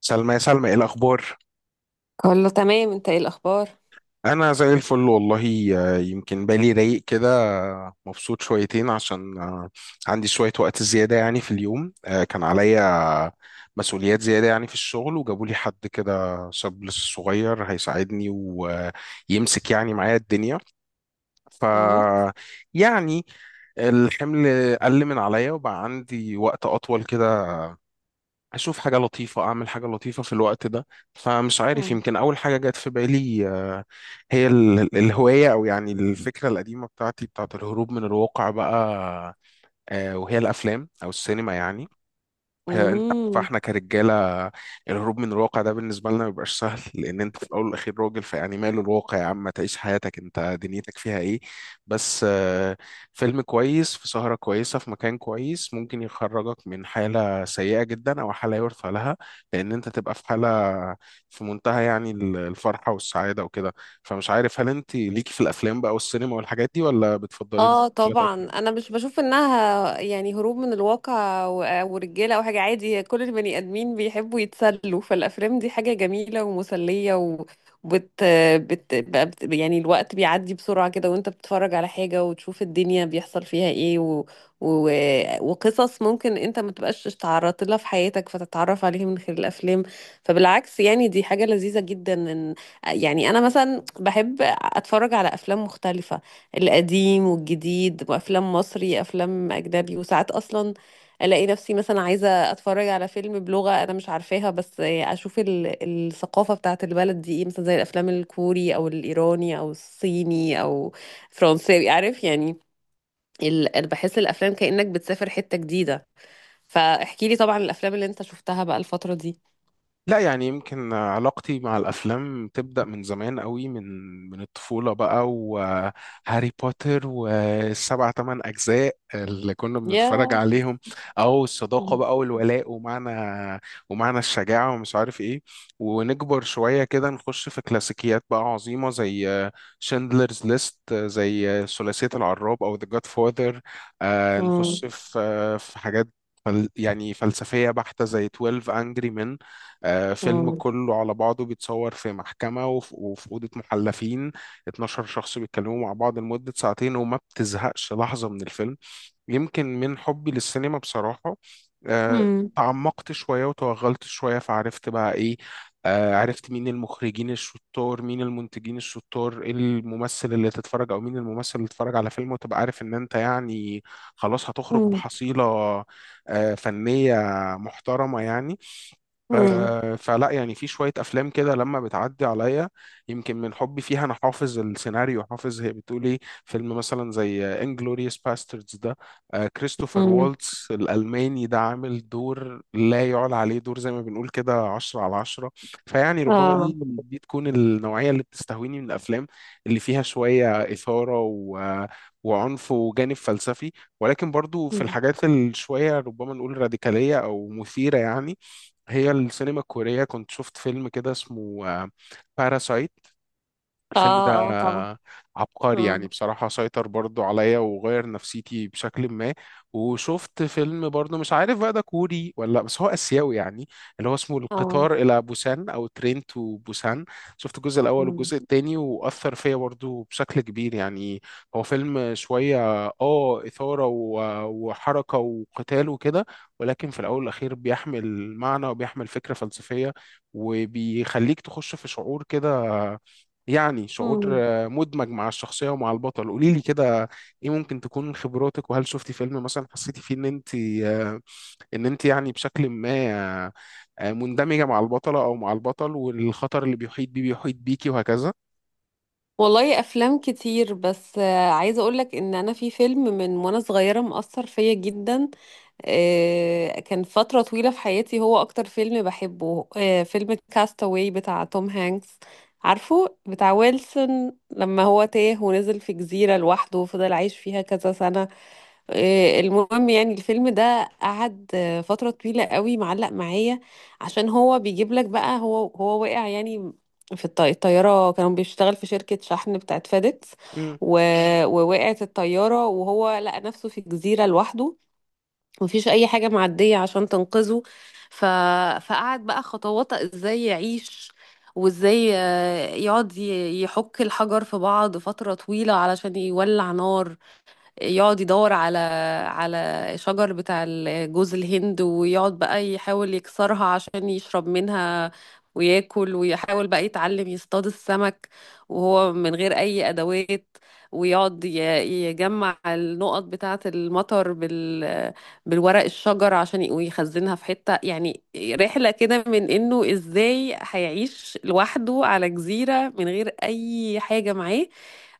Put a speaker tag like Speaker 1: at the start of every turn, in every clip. Speaker 1: سلمى، يا سلمى، ايه الاخبار؟
Speaker 2: كله تمام، انت ايه الاخبار؟
Speaker 1: انا زي الفل والله. يمكن بالي رايق كده. مبسوط شويتين عشان عندي شويه وقت زياده يعني في اليوم. كان عليا مسؤوليات زياده يعني في الشغل، وجابوا لي حد كده شاب لسه صغير هيساعدني ويمسك يعني معايا الدنيا. ف يعني الحمل قل من عليا وبقى عندي وقت اطول كده، اشوف حاجه لطيفه، اعمل حاجه لطيفه في الوقت ده. فمش عارف، يمكن اول حاجه جت في بالي هي الهوايه او يعني الفكره القديمه بتاعتي بتاعت الهروب من الواقع بقى. وهي الافلام او السينما يعني. انت عارف
Speaker 2: امم.
Speaker 1: احنا كرجاله، الهروب من الواقع ده بالنسبه لنا ما بيبقاش سهل، لان انت في الاول والاخير راجل، فيعني ماله الواقع يا عم، ما تعيش حياتك، انت دنيتك فيها ايه؟ بس فيلم كويس في سهره كويسه في مكان كويس ممكن يخرجك من حاله سيئه جدا او حاله يرثى لها، لان انت تبقى في حاله في منتهى يعني الفرحه والسعاده وكده. فمش عارف، هل انت ليكي في الافلام بقى والسينما والحاجات دي ولا بتفضلي
Speaker 2: اه
Speaker 1: المسلسلات؟
Speaker 2: طبعا، انا مش بشوف انها يعني هروب من الواقع ورجاله او حاجه عادي. كل البني ادمين بيحبوا يتسلوا، فالافلام دي حاجه جميله ومسليه. وبت بت بت يعني الوقت بيعدي بسرعه كده، وانت بتتفرج على حاجه وتشوف الدنيا بيحصل فيها ايه و... وقصص ممكن انت ما تبقاش اتعرضت لها في حياتك، فتتعرف عليها من خلال الافلام. فبالعكس يعني دي حاجه لذيذه جدا. ان يعني انا مثلا بحب اتفرج على افلام مختلفه، القديم والجديد، وافلام مصري، افلام اجنبي. وساعات اصلا الاقي نفسي مثلا عايزه اتفرج على فيلم بلغه انا مش عارفاها، بس اشوف الثقافه بتاعه البلد دي ايه، مثلا زي الافلام الكوري او الايراني او الصيني او فرنساوي، عارف يعني. انا بحس الافلام كانك بتسافر حته جديده. فاحكي لي طبعا الافلام اللي انت شفتها بقى الفتره دي.
Speaker 1: لا يعني، يمكن علاقتي مع الأفلام تبدأ من زمان قوي، من الطفولة بقى، وهاري بوتر والسبع تمن أجزاء اللي كنا بنتفرج
Speaker 2: يا
Speaker 1: عليهم، أو الصداقة
Speaker 2: مم.
Speaker 1: بقى والولاء ومعنى، ومعنى الشجاعة ومش عارف إيه. ونكبر شوية كده نخش في كلاسيكيات بقى عظيمة زي شندلرز ليست، زي ثلاثية العراب أو ذا جاد فاذر.
Speaker 2: مم.
Speaker 1: نخش في حاجات يعني فلسفية بحتة زي 12 Angry Men. فيلم
Speaker 2: مم.
Speaker 1: كله على بعضه بيتصور في محكمة وفي أوضة محلفين. 12 شخص بيتكلموا مع بعض لمدة ساعتين وما بتزهقش لحظة من الفيلم. يمكن من حبي للسينما بصراحة، آه، تعمقت شوية وتوغلت شوية فعرفت بقى إيه. عرفت مين المخرجين الشطار، مين المنتجين الشطار، إيه الممثل اللي تتفرج، أو مين الممثل اللي تتفرج على فيلم وتبقى عارف إن أنت يعني خلاص هتخرج
Speaker 2: مم.
Speaker 1: بحصيلة فنية محترمة يعني.
Speaker 2: مم.
Speaker 1: فلا يعني في شوية أفلام كده لما بتعدي عليا، يمكن من حبي فيها أنا حافظ السيناريو، حافظ هي بتقول إيه. فيلم مثلا زي انجلوريوس باستردز ده، كريستوفر
Speaker 2: مم.
Speaker 1: والتس الألماني ده عامل دور لا يعلى عليه، دور زي ما بنقول كده عشرة على عشرة. فيعني ربما دي
Speaker 2: اه.
Speaker 1: دي تكون النوعية اللي بتستهويني من الأفلام، اللي فيها شوية إثارة وعنف وجانب فلسفي. ولكن برضو في الحاجات الشوية ربما نقول راديكالية أو مثيرة يعني. هي السينما الكورية، كنت شفت فيلم كده اسمه باراسايت. الفيلم ده
Speaker 2: اه. اه طبعا.
Speaker 1: عبقري يعني
Speaker 2: اه.
Speaker 1: بصراحة، سيطر برضو عليا وغير نفسيتي بشكل ما. وشفت فيلم برضو مش عارف بقى ده كوري ولا لأ، بس هو آسيوي يعني، اللي هو اسمه
Speaker 2: اه.
Speaker 1: القطار إلى بوسان أو ترين تو بوسان. شفت الجزء الأول
Speaker 2: مم.
Speaker 1: والجزء التاني وأثر فيا برضو بشكل كبير يعني. هو فيلم شوية آه إثارة وحركة وقتال وكده، ولكن في الأول والأخير بيحمل معنى وبيحمل فكرة فلسفية وبيخليك تخش في شعور كده، يعني شعور
Speaker 2: مم.
Speaker 1: مدمج مع الشخصية ومع البطل. قولي لي كده، ايه ممكن تكون من خبراتك، وهل شفتي فيلم مثلا حسيتي فيه ان انت آه، ان انت يعني بشكل ما آه، مندمجة مع البطلة او مع البطل، والخطر اللي بيحيط بيه، بيحيط بيكي وهكذا؟
Speaker 2: والله افلام كتير، بس عايزه اقولك ان انا في فيلم من وانا صغيره مأثر فيا جدا. كان فترة طويلة في حياتي هو أكتر فيلم بحبه. فيلم كاستاوي بتاع توم هانكس، عارفه بتاع ويلسون، لما هو تاه ونزل في جزيرة لوحده وفضل عايش فيها كذا سنة. المهم يعني الفيلم ده قعد فترة طويلة قوي معلق معايا. عشان هو بيجيب لك بقى، هو وقع يعني في الطيارة. كانوا بيشتغل في شركة شحن بتاعت فيديكس، و... ووقعت الطيارة وهو لقى نفسه في جزيرة لوحده، مفيش اي حاجه معديه عشان تنقذه. ف... فقعد بقى خطوات ازاي يعيش، وازاي يقعد يحك الحجر في بعض فتره طويله علشان يولع نار. يقعد يدور على على شجر بتاع جوز الهند، ويقعد بقى يحاول يكسرها عشان يشرب منها وياكل، ويحاول بقى يتعلم يصطاد السمك، وهو من غير أي أدوات. ويقعد يجمع النقط بتاعة المطر بالورق الشجر عشان ويخزنها في حتة. يعني رحلة كده من إنه إزاي هيعيش لوحده على جزيرة من غير أي حاجة معاه،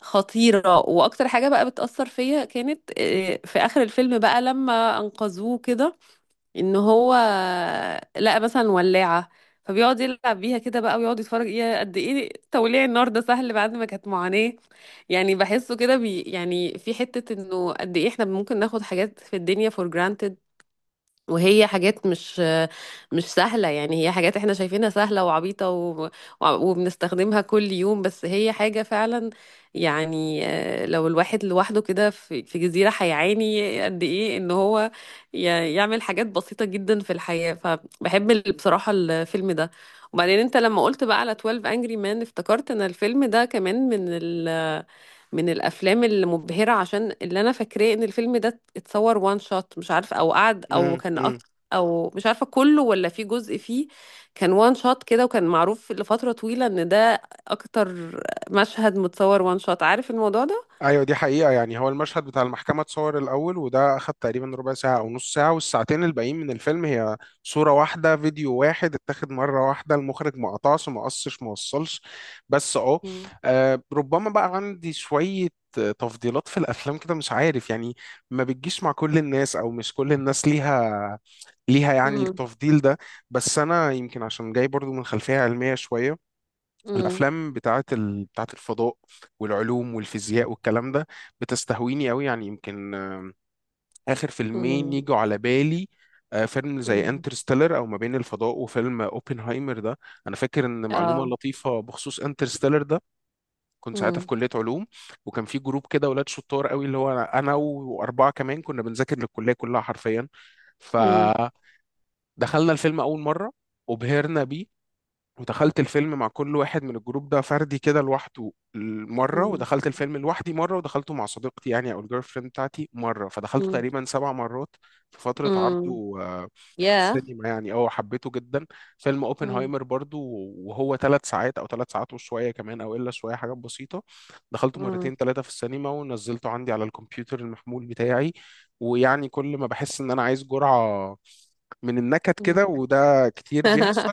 Speaker 2: خطيرة. وأكتر حاجة بقى بتأثر فيا كانت في آخر الفيلم بقى لما أنقذوه كده، إن هو لقى مثلا ولاعة، فبيقعد يلعب بيها كده بقى، ويقعد يتفرج ايه قد ايه توليع النار ده سهل بعد ما كانت معاناة. يعني بحسه كده بي يعني في حتة انه قد ايه احنا ممكن ناخد حاجات في الدنيا for granted، وهي حاجات مش سهلة. يعني هي حاجات احنا شايفينها سهلة وعبيطة وبنستخدمها كل يوم، بس هي حاجة فعلا يعني. لو الواحد لوحده كده في في جزيرة هيعاني قد ايه ان هو ي... يعمل حاجات بسيطة جدا في الحياة. فبحب بصراحة الفيلم ده. وبعدين انت لما قلت بقى على 12 Angry Men افتكرت ان الفيلم ده كمان من من الافلام المبهره. عشان اللي انا فاكراه ان الفيلم ده اتصور وان شوت، مش عارف او قعد او كان
Speaker 1: امم
Speaker 2: او مش عارفه كله ولا في جزء فيه كان وان شوت كده، وكان معروف لفتره طويله ان ده اكتر مشهد متصور وان شوت، عارف الموضوع ده.
Speaker 1: ايوه، دي حقيقة يعني. هو المشهد بتاع المحكمة اتصور الأول، وده أخد تقريبا ربع ساعة أو نص ساعة، والساعتين الباقيين من الفيلم هي صورة واحدة، فيديو واحد اتاخد مرة واحدة، المخرج ما قطعش ما قصش ما وصلش. بس اه،
Speaker 2: مم.
Speaker 1: ربما بقى عندي شوية تفضيلات في الأفلام كده، مش عارف يعني، ما بتجيش مع كل الناس، أو مش كل الناس ليها يعني
Speaker 2: مم.
Speaker 1: التفضيل ده. بس أنا يمكن عشان جاي برضو من خلفية علمية شوية،
Speaker 2: مم.
Speaker 1: الافلام بتاعت بتاعت الفضاء والعلوم والفيزياء والكلام ده بتستهويني قوي يعني. يمكن اخر فيلمين
Speaker 2: مم.
Speaker 1: يجوا على بالي، فيلم زي
Speaker 2: مم.
Speaker 1: انترستيلر او ما بين الفضاء، وفيلم اوبنهايمر ده. انا فاكر ان معلومه
Speaker 2: اه.
Speaker 1: لطيفه بخصوص انترستيلر ده، كنت ساعتها في
Speaker 2: مم.
Speaker 1: كليه علوم، وكان في جروب كده ولاد شطار قوي، اللي هو أنا واربعه كمان كنا بنذاكر للكليه كلها حرفيا.
Speaker 2: مم.
Speaker 1: فدخلنا الفيلم اول مره وبهرنا بيه، ودخلت الفيلم مع كل واحد من الجروب ده فردي كده لوحده مرة،
Speaker 2: مم.
Speaker 1: ودخلت الفيلم لوحدي مرة، ودخلته مع صديقتي يعني أو الجيرل فريند بتاعتي مرة، فدخلته
Speaker 2: مم.
Speaker 1: تقريبا سبع مرات في فترة
Speaker 2: مم.
Speaker 1: عرضه، في
Speaker 2: يا
Speaker 1: السينما يعني، اه حبيته جدا. فيلم
Speaker 2: مم.
Speaker 1: اوبنهايمر برضو، وهو ثلاث ساعات أو ثلاث ساعات وشوية كمان أو إلا شوية حاجات بسيطة، دخلته
Speaker 2: مم.
Speaker 1: مرتين ثلاثة في السينما، ونزلته عندي على الكمبيوتر المحمول بتاعي. ويعني كل ما بحس إن أنا عايز جرعة من النكد
Speaker 2: مم.
Speaker 1: كده، وده كتير بيحصل،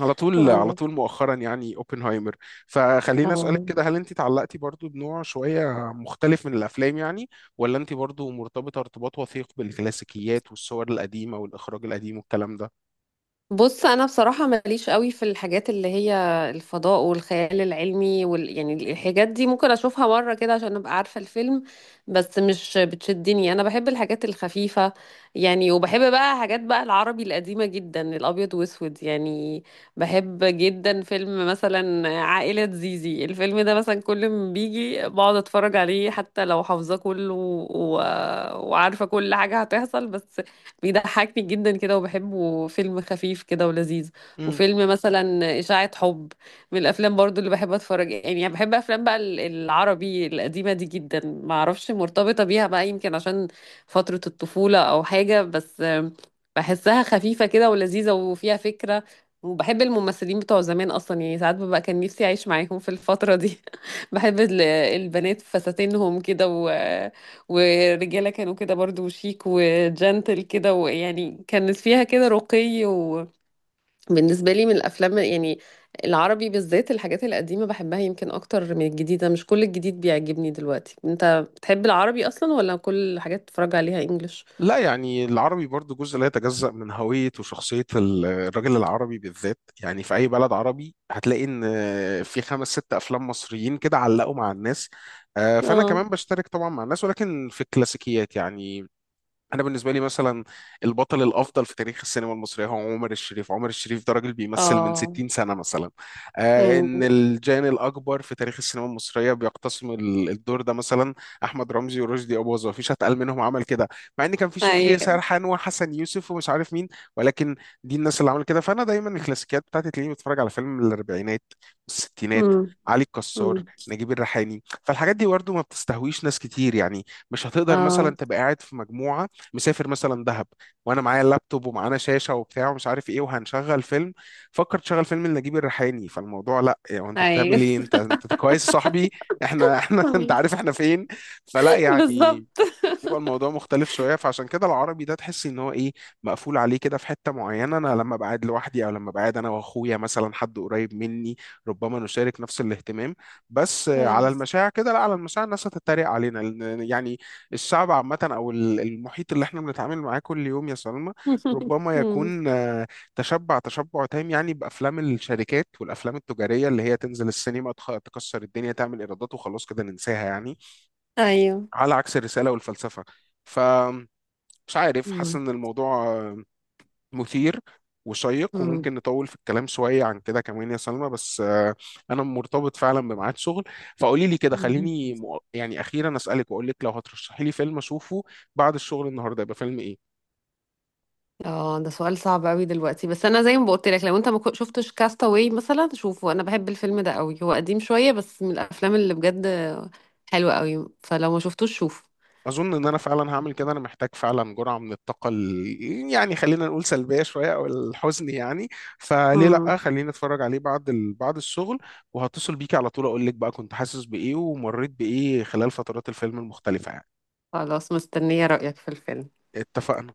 Speaker 1: على طول على
Speaker 2: اه.
Speaker 1: طول مؤخرا، يعني اوبنهايمر. فخليني اسالك
Speaker 2: آه.
Speaker 1: كده، هل انت اتعلقتي برضو بنوع شويه مختلف من الافلام يعني، ولا انت برضو مرتبطه ارتباط وثيق بالكلاسيكيات والصور القديمه والاخراج القديم والكلام ده؟
Speaker 2: بص انا بصراحه ماليش قوي في الحاجات اللي هي الفضاء والخيال العلمي يعني الحاجات دي ممكن اشوفها مره كده عشان ابقى عارفه الفيلم، بس مش بتشدني. انا بحب الحاجات الخفيفه يعني، وبحب بقى حاجات بقى العربي القديمه جدا، الابيض واسود يعني. بحب جدا فيلم مثلا عائله زيزي، الفيلم ده مثلا كل ما بيجي بقعد اتفرج عليه حتى لو حافظاه كله وعارفه كل حاجه هتحصل، بس بيضحكني جدا كده وبحبه، فيلم خفيف كده ولذيذ.
Speaker 1: امم
Speaker 2: وفيلم مثلا إشاعة حب، من الأفلام برضو اللي بحب أتفرج. يعني بحب أفلام بقى العربي القديمة دي جدا، ما أعرفش مرتبطة بيها بقى يمكن عشان فترة الطفولة أو حاجة، بس بحسها خفيفة كده ولذيذة وفيها فكرة. وبحب الممثلين بتوع زمان أصلا. يعني ساعات ببقى كان نفسي أعيش معاهم في الفترة دي. بحب البنات فساتينهم كده، والرجالة كانوا كده برضو شيك وجنتل كده، ويعني كانت فيها كده رقي. وبالنسبة لي من الأفلام يعني العربي بالذات الحاجات القديمة بحبها يمكن أكتر من الجديدة، مش كل الجديد بيعجبني دلوقتي. أنت بتحب العربي أصلا ولا كل الحاجات بتتفرج عليها إنجليش؟
Speaker 1: لا يعني، العربي برضو جزء لا يتجزأ من هوية وشخصية الراجل العربي بالذات. يعني في أي بلد عربي هتلاقي إن في خمس ست أفلام مصريين كده علقوا مع الناس. فأنا
Speaker 2: اه.
Speaker 1: كمان بشترك طبعا مع الناس ولكن في الكلاسيكيات يعني. انا بالنسبه لي مثلا البطل الافضل في تاريخ السينما المصريه هو عمر الشريف. عمر الشريف ده راجل بيمثل من
Speaker 2: اه.
Speaker 1: 60 سنه مثلا. آه،
Speaker 2: امم.
Speaker 1: ان الجان الاكبر في تاريخ السينما المصريه بيقتسم الدور ده، مثلا احمد رمزي ورشدي اباظه، مفيش اتقل منهم عمل كده، مع ان كان في شكري
Speaker 2: ايوه.
Speaker 1: سرحان وحسن يوسف ومش عارف مين. ولكن دي الناس اللي عملت كده. فانا دايما الكلاسيكيات بتاعتي تلاقيني بتفرج على فيلم من الاربعينات والستينات،
Speaker 2: امم.
Speaker 1: علي الكسار،
Speaker 2: امم.
Speaker 1: نجيب الريحاني. فالحاجات دي برضه ما بتستهويش ناس كتير يعني. مش هتقدر مثلا
Speaker 2: اه.
Speaker 1: تبقى قاعد في مجموعه، مسافر مثلا دهب، وانا معايا اللابتوب ومعانا شاشه وبتاع ومش عارف ايه، وهنشغل فيلم، فكر تشغل فيلم لنجيب الريحاني، فالموضوع لا يعني، انت
Speaker 2: ايوه.
Speaker 1: بتعمل ايه؟ انت انت كويس يا صاحبي؟ احنا انت
Speaker 2: أمم.
Speaker 1: عارف احنا فين. فلا يعني،
Speaker 2: بالظبط.
Speaker 1: يبقى الموضوع مختلف شويه. فعشان كده العربي ده تحس ان هو ايه، مقفول عليه كده في حته معينه. انا لما بقعد لوحدي او لما بقعد انا واخويا مثلا، حد قريب مني، ربما نشارك نفس الاهتمام. بس على
Speaker 2: آه.
Speaker 1: المشاع كده لا، على المشاع الناس هتتريق علينا، لأن يعني الشعب عامه او المحيط اللي احنا بنتعامل معاه كل يوم يا سلمى ربما
Speaker 2: أمم.
Speaker 1: يكون تشبع تشبع تام، يعني بافلام الشركات والافلام التجاريه اللي هي تنزل السينما، تكسر الدنيا، تعمل ايرادات، وخلاص كده ننساها يعني،
Speaker 2: ايوه.
Speaker 1: على عكس الرسالة والفلسفة. فمش عارف، حاسس
Speaker 2: أمم.
Speaker 1: إن الموضوع مثير وشيق، وممكن نطول في الكلام شوية عن كده كمان يا سلمى، بس أنا مرتبط فعلا بميعاد شغل. فقولي لي كده،
Speaker 2: أمم.
Speaker 1: خليني أخيرا أسألك، وأقول لك لو هترشحي لي فيلم أشوفه بعد الشغل النهاردة، يبقى فيلم إيه؟
Speaker 2: اه، ده سؤال صعب قوي دلوقتي. بس انا زي ما قلت لك، لو انت ما شفتش كاستاوي مثلا شوفه، انا بحب الفيلم ده قوي. هو قديم شويه، بس من الافلام اللي بجد حلوه قوي. فلو ما شفتوش شوفه.
Speaker 1: اظن ان انا فعلا هعمل كده. انا محتاج فعلا جرعه من الطاقه يعني خلينا نقول سلبيه شويه او الحزن يعني. فليه
Speaker 2: امم.
Speaker 1: لا، خليني اتفرج عليه بعد بعد الشغل. وهتصل بيكي على طول اقول لك بقى كنت حاسس بايه ومريت بايه خلال فترات الفيلم المختلفه يعني.
Speaker 2: خلاص، مستنيه رايك في الفيلم.
Speaker 1: اتفقنا.